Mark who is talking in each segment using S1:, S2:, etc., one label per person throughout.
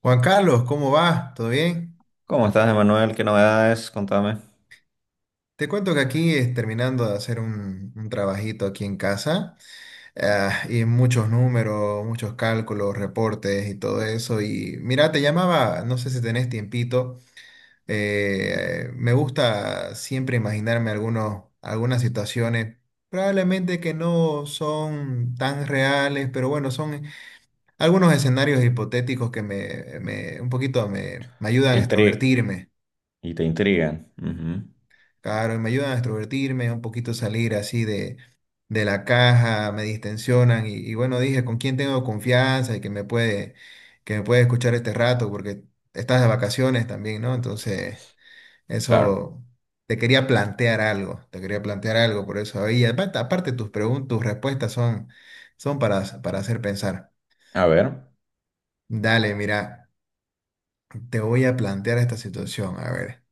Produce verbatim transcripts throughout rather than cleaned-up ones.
S1: Juan Carlos, ¿cómo va? ¿Todo bien?
S2: ¿Cómo estás, Emanuel? ¿Qué novedades? Contame.
S1: Te cuento que aquí es terminando de hacer un, un trabajito aquí en casa, ah, y muchos números, muchos cálculos, reportes y todo eso. Y mira, te llamaba, no sé si tenés tiempito, eh, me gusta siempre imaginarme algunos, algunas situaciones, probablemente que no son tan reales, pero bueno, son algunos escenarios hipotéticos que me, me- un poquito me me ayudan
S2: Te
S1: a
S2: intri-
S1: extrovertirme.
S2: y te intrigan. Ujú.
S1: Claro, y me ayudan a extrovertirme, un poquito salir así de, de la caja, me distensionan y, y bueno, dije, ¿con quién tengo confianza y que me puede, que me puede escuchar este rato? Porque estás de vacaciones también, ¿no? Entonces,
S2: Claro.
S1: eso, te quería plantear algo, te quería plantear algo, por eso ahí, aparte, aparte tus preguntas, tus respuestas son, son para, para hacer pensar.
S2: A ver.
S1: Dale, mira, te voy a plantear esta situación, a ver.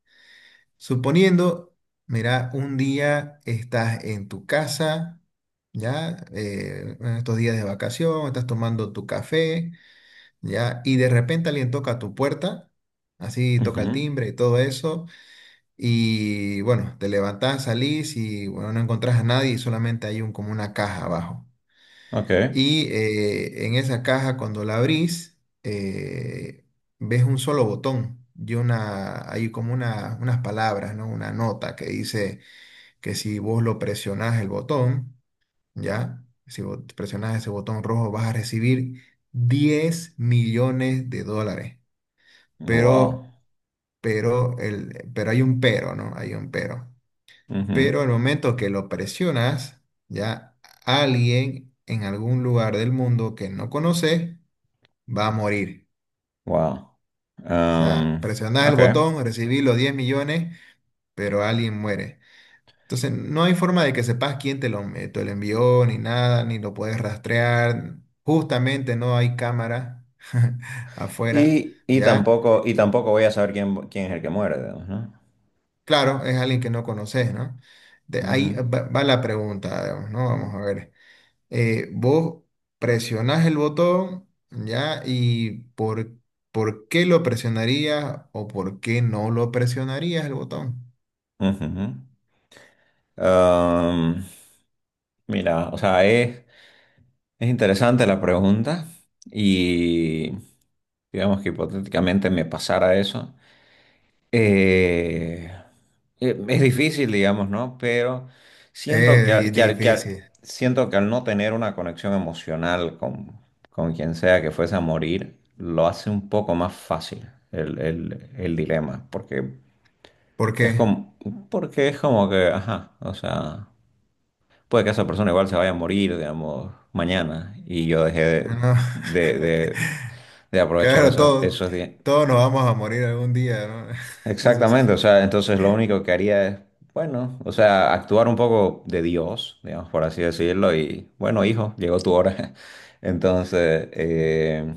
S1: Suponiendo, mira, un día estás en tu casa, ya, eh, en estos días de vacación, estás tomando tu café, ya, y de repente alguien toca a tu puerta, así toca el
S2: Ujú.
S1: timbre y todo eso, y bueno, te levantás, salís y bueno, no encontrás a nadie y solamente hay un, como una caja abajo.
S2: Ok.
S1: Y eh, en esa caja, cuando la abrís, eh, ves un solo botón y una, hay como una, unas palabras, ¿no? Una nota que dice que si vos lo presionás el botón, ¿ya? Si vos presionás ese botón rojo, vas a recibir diez millones de dólares.
S2: Wow.
S1: Pero, pero, el, pero hay un pero, ¿no? Hay un pero.
S2: Ujú.
S1: Pero al momento que lo presionas, ¿ya? Alguien en algún lugar del mundo que no conoces, va a morir.
S2: Wow.
S1: O sea,
S2: Am,
S1: presionás el
S2: ok.
S1: botón, recibí los diez millones, pero alguien muere. Entonces, no hay forma de que sepas quién te lo, eh, te lo envió, ni nada, ni lo puedes rastrear. Justamente no hay cámara afuera,
S2: Y, y
S1: ¿ya?
S2: tampoco, y
S1: Y,
S2: tampoco voy a saber quién, quién es el que muere, digamos, ¿no?
S1: claro, es alguien que no conoces, ¿no? De ahí
S2: Ujú.
S1: va, va la pregunta, digamos, ¿no? Vamos a ver. eh, vos presionás el botón, ¿ya? Y por, por qué lo presionarías o por qué no lo presionarías el botón.
S2: Ujú. Am, Mira, o sea, es, es interesante la pregunta. Y digamos que hipotéticamente me pasara eso. Eh, eh, es difícil, digamos, ¿no? Pero siento
S1: Es
S2: que, al-
S1: di-
S2: que, al- que al-
S1: difícil.
S2: siento que al no tener una conexión emocional con, con quien sea que fuese a morir, lo hace un poco más fácil el, el, el dilema, porque
S1: ¿Por
S2: es
S1: qué?
S2: como, porque es como que, ajá, o sea, puede que esa persona igual se vaya a morir, digamos, mañana, y yo dejé
S1: Ah,
S2: de,
S1: no.
S2: de, de- de aprovechar
S1: Claro,
S2: esos,
S1: todos,
S2: esos días.
S1: todos nos vamos a morir algún día, ¿no? Eso sí.
S2: Exactamente, o sea, entonces lo único que haría es, bueno, o sea, actuar un poco de Dios, digamos, por así decirlo, y bueno, hijo, llegó tu hora. Entonces, eh,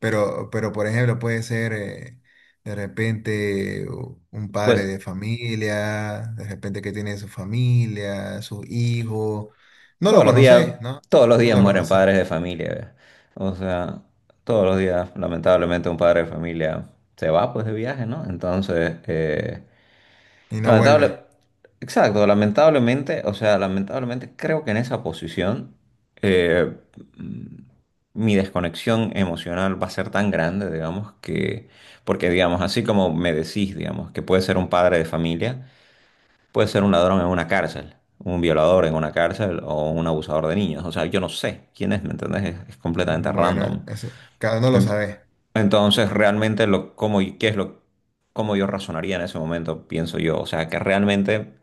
S1: Pero, pero por ejemplo, puede ser eh, de repente u- un padre
S2: pues
S1: de familia, de repente que tiene su familia, su hijo. No lo
S2: todos los días,
S1: conoces, ¿no?
S2: todos los
S1: No
S2: días
S1: lo
S2: mueren
S1: conoces
S2: padres de familia, ¿ve? O sea, todos los días, lamentablemente, un padre de familia se va pues de viaje, ¿no? Entonces, eh,
S1: y no
S2: Lamentable,
S1: vuelve.
S2: exacto, lamentablemente, o sea, lamentablemente creo que en esa posición eh, mm, mi desconexión emocional va a ser tan grande, digamos, que, porque digamos, así como me decís, digamos, que puede ser un padre de familia, puede ser un ladrón en una cárcel, un violador en una cárcel o un abusador de niños, o sea, yo no sé quién es, ¿me entendés? Es, es completamente
S1: Bueno,
S2: random.
S1: eso, cada uno lo
S2: Ent-
S1: sabe.
S2: Entonces, realmente, lo, cómo, y- ¿qué es lo, cómo yo razonaría en ese momento, pienso yo? O sea, que realmente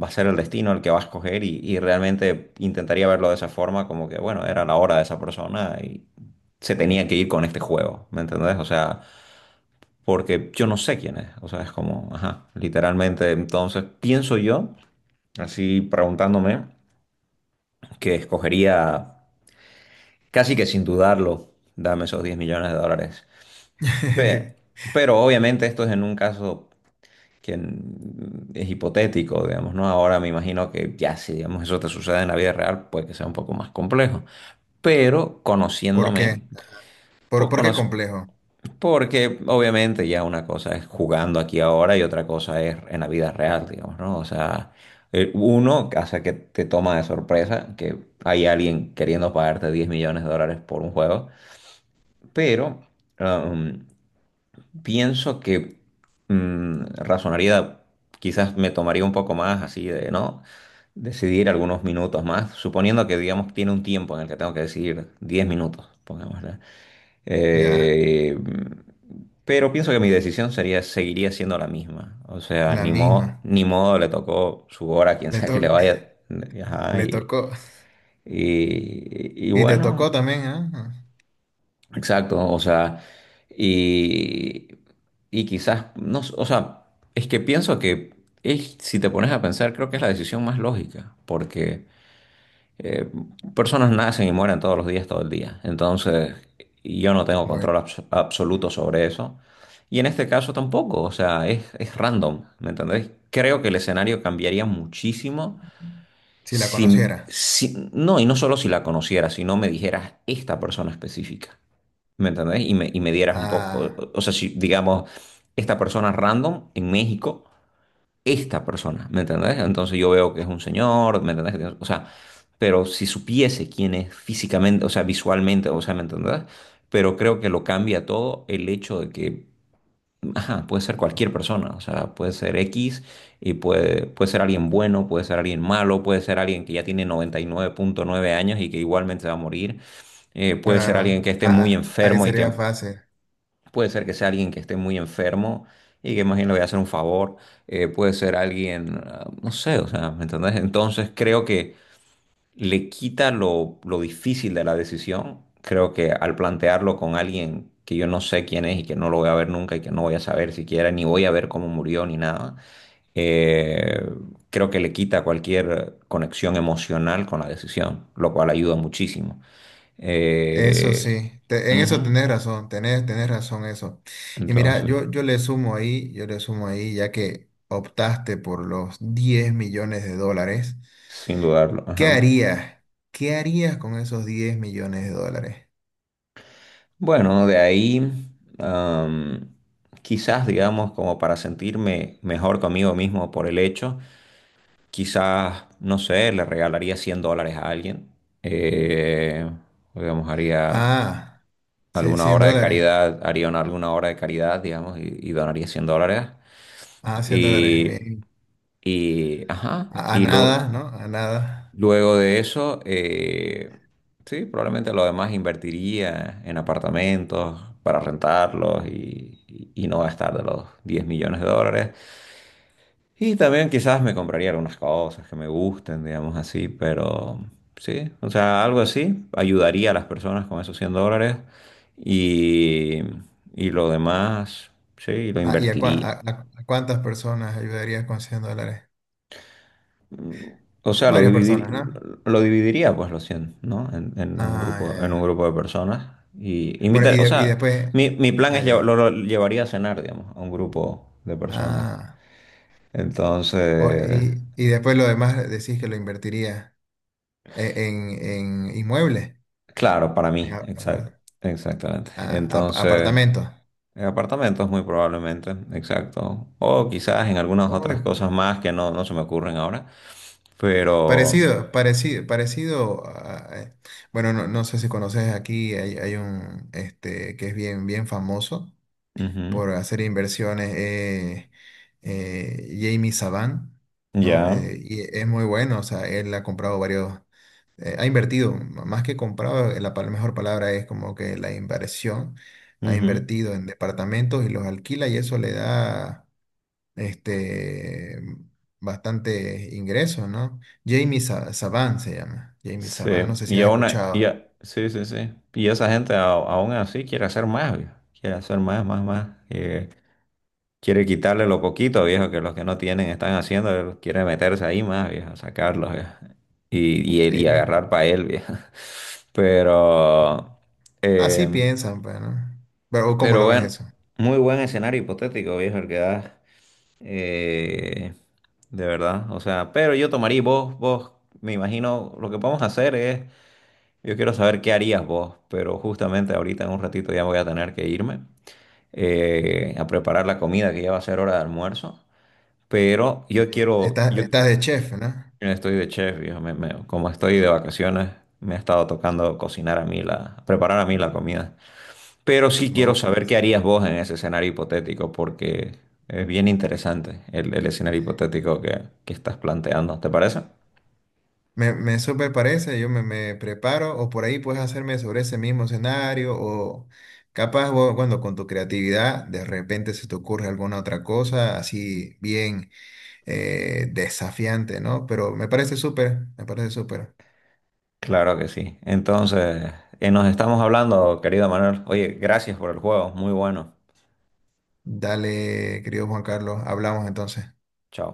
S2: va a ser el destino el que va a escoger y, y realmente intentaría verlo de esa forma, como que, bueno, era la hora de esa persona y se tenía que ir con este juego, ¿me entendés? O sea, porque yo no sé quién es, o sea, es como, ajá, literalmente, entonces pienso yo, así preguntándome, que escogería casi que sin dudarlo, dame esos diez millones de dólares. Pe- Pero, obviamente esto es en un caso que es hipotético, digamos, ¿no? Ahora me imagino que ya si, digamos, eso te sucede en la vida real, puede que sea un poco más complejo. Pero
S1: ¿Por qué?
S2: conociéndome,
S1: ¿Por,
S2: pues,
S1: por qué
S2: conoz-
S1: complejo?
S2: porque obviamente ya una cosa es jugando aquí ahora y otra cosa es en la vida real, digamos, ¿no? O sea, eh, uno, hace que te toma de sorpresa que hay alguien queriendo pagarte diez millones de dólares por un juego, pero... um, pienso que mm, razonaría, quizás me tomaría un poco más así de, ¿no? Decidir algunos minutos más, suponiendo que, digamos, tiene un tiempo en el que tengo que decidir diez minutos, pongámosle.
S1: Ya,
S2: Eh, pero pienso que mi decisión sería, seguiría siendo la misma. O sea,
S1: la
S2: ni modo,
S1: misma.
S2: ni modo le tocó su hora a quien
S1: Le
S2: sea que le
S1: to-
S2: vaya. Ajá,
S1: Le
S2: y,
S1: tocó.
S2: y, y
S1: Y te
S2: bueno.
S1: tocó también, ¿ah? Ah,
S2: Exacto, o sea, y, y quizás, no, s- o sea, es que pienso que es- si te pones a pensar, creo que es la decisión más lógica, porque eh, personas nacen y mueren todos los días, todo el día, entonces yo no tengo
S1: bueno,
S2: control abs- absoluto sobre eso, y en este caso tampoco, o sea, es, es random, ¿me entendéis? Creo que el escenario cambiaría muchísimo
S1: si la
S2: si,
S1: conociera.
S2: si, no, y no solo si la conocieras, sino me dijeras esta persona específica. ¿Me entendés? Y me, y me dieras un poco,
S1: Ah,
S2: o, o sea, si digamos, esta persona random en México, esta persona, ¿me entendés? Entonces yo veo que es un señor, ¿me entendés? Que tiene- O sea, pero si supiese quién es físicamente, o sea, visualmente, o sea, ¿me entendés? Pero creo que lo cambia todo el hecho de que, ajá, puede ser cualquier persona, o sea, puede ser X y puede, puede ser alguien bueno, puede ser alguien malo, puede ser alguien que ya tiene noventa y nueve punto nueve años y que igualmente va a morir. Eh, puede ser
S1: claro.
S2: alguien que esté muy
S1: Ah, ah, ahí
S2: enfermo y
S1: sería
S2: que
S1: fácil.
S2: puede ser que sea alguien que esté muy enfermo y que más bien le voy a hacer un favor. Eh, puede ser alguien, ah, no sé, o sea, ¿me entendés? Entonces creo que le quita lo, lo difícil de la decisión. Creo que al plantearlo con alguien que yo no sé quién es y que no lo voy a ver nunca y que no voy a saber siquiera, ni voy a ver cómo murió ni nada, eh, creo que le quita cualquier conexión emocional con la decisión, lo cual ayuda muchísimo.
S1: Eso
S2: Eh,
S1: sí, te- en eso
S2: Ujú.
S1: tenés razón, tenés, tenés razón eso. Y mira,
S2: Entonces.
S1: yo, yo le sumo ahí, yo le sumo ahí, ya que optaste por los diez millones de dólares,
S2: Sin dudarlo,
S1: ¿qué
S2: ajá.
S1: harías? ¿Qué harías con esos diez millones de dólares?
S2: Bueno, de ahí, am, quizás, digamos, como para sentirme mejor conmigo mismo por el hecho, quizás, no sé, le regalaría cien dólares a alguien. Eh, digamos, haría
S1: Ah, cien
S2: alguna
S1: 100
S2: obra de
S1: dólares.
S2: caridad, haría una- alguna obra de caridad, digamos, y, y donaría cien dólares.
S1: Ah, cien dólares,
S2: Y,
S1: bien.
S2: y, ajá,
S1: A, a
S2: y, lo,
S1: nada, ¿no? A nada.
S2: luego de eso, eh, sí, probablemente lo demás invertiría en apartamentos para rentarlos y, y- y no gastar de los diez millones de dólares. Y también quizás me compraría algunas cosas que me gusten, digamos así, pero sí, o sea, algo así ayudaría a las personas con esos cien dólares y, y lo demás, sí, lo
S1: Ah, ¿y a, cua-
S2: invertiría.
S1: a- a- a cuántas personas ayudarías con cien dólares?
S2: O sea, lo
S1: Varias
S2: dividir,
S1: personas, ¿no?
S2: lo dividiría, pues, los cien, ¿no? En, en un
S1: Ah, ya,
S2: grupo, en un
S1: ya.
S2: grupo de personas. Y
S1: Bueno,
S2: invitar,
S1: y,
S2: o
S1: de- y
S2: sea,
S1: después...
S2: mi, mi plan
S1: Ah,
S2: es llevar- lo,
S1: ya.
S2: lo llevaría a cenar, digamos, a un grupo de personas.
S1: Ah. O-
S2: Entonces,
S1: y, y después lo demás decís que lo invertiría e- en, en inmuebles,
S2: claro, para
S1: en
S2: mí,
S1: a-
S2: exacto,
S1: apar-
S2: exactamente.
S1: a- ap-
S2: Entonces,
S1: apartamentos.
S2: en apartamentos muy probablemente, exacto. O quizás en algunas
S1: Oy,
S2: otras cosas más que no, no se me ocurren ahora. Pero,
S1: parecido, parecido, parecido a- a- eh, bueno, no, no sé si conoces aquí, hay, hay un este que es bien, bien famoso
S2: ujú,
S1: por hacer inversiones, eh, eh, Jamie Saban, ¿no?
S2: ya,
S1: Eh, y es muy bueno, o sea, él ha comprado varios. eh, ha invertido, m- más que comprado, eh, la pal- mejor palabra es como que la inversión, ha
S2: ujú.
S1: invertido en departamentos y los alquila y eso le da este, bastante ingresos, ¿no? Jamie Sa- Saban se llama, Jamie
S2: Sí,
S1: Saban, no sé si
S2: y
S1: has
S2: aún, a- y
S1: escuchado.
S2: a- sí, sí, sí. Y esa gente a- aún así quiere hacer más, viejo. Quiere hacer más, más, más. Eh, quiere quitarle lo poquito, viejo, que los que no tienen están haciendo, quiere meterse ahí más, viejo, sacarlos, viejo. Y, y, y
S1: Eh,
S2: agarrar para él, viejo. Pero,
S1: así
S2: eh,
S1: piensan, pues, ¿no? Pero ¿cómo
S2: pero
S1: lo ves
S2: bueno,
S1: eso?
S2: muy buen escenario hipotético, viejo, el que da. Eh, de verdad, o sea, pero yo tomaría y vos, vos, me imagino, lo que podemos hacer es yo quiero saber qué harías vos, pero justamente ahorita en un ratito ya voy a tener que irme eh, a preparar la comida que ya va a ser hora de almuerzo. Pero yo quiero,
S1: Estás,
S2: yo
S1: estás de chef, ¿no?
S2: estoy de chef, viejo, me- me- como estoy de vacaciones, me ha estado tocando cocinar a mí la, preparar a mí la comida. Pero sí quiero saber qué harías vos en ese escenario hipotético, porque es bien interesante el, el escenario hipotético que, que estás planteando. ¿Te parece?
S1: Me, me súper parece, yo me, me preparo o por ahí puedes hacerme sobre ese mismo escenario o capaz vos, bueno, con tu creatividad de repente se te ocurre alguna otra cosa así bien eh, desafiante, ¿no? Pero me parece súper, me parece súper.
S2: Claro que sí. Entonces, eh, nos estamos hablando, querido Manuel. Oye, gracias por el juego, muy bueno.
S1: Dale, querido Juan Carlos, hablamos entonces.
S2: Chao.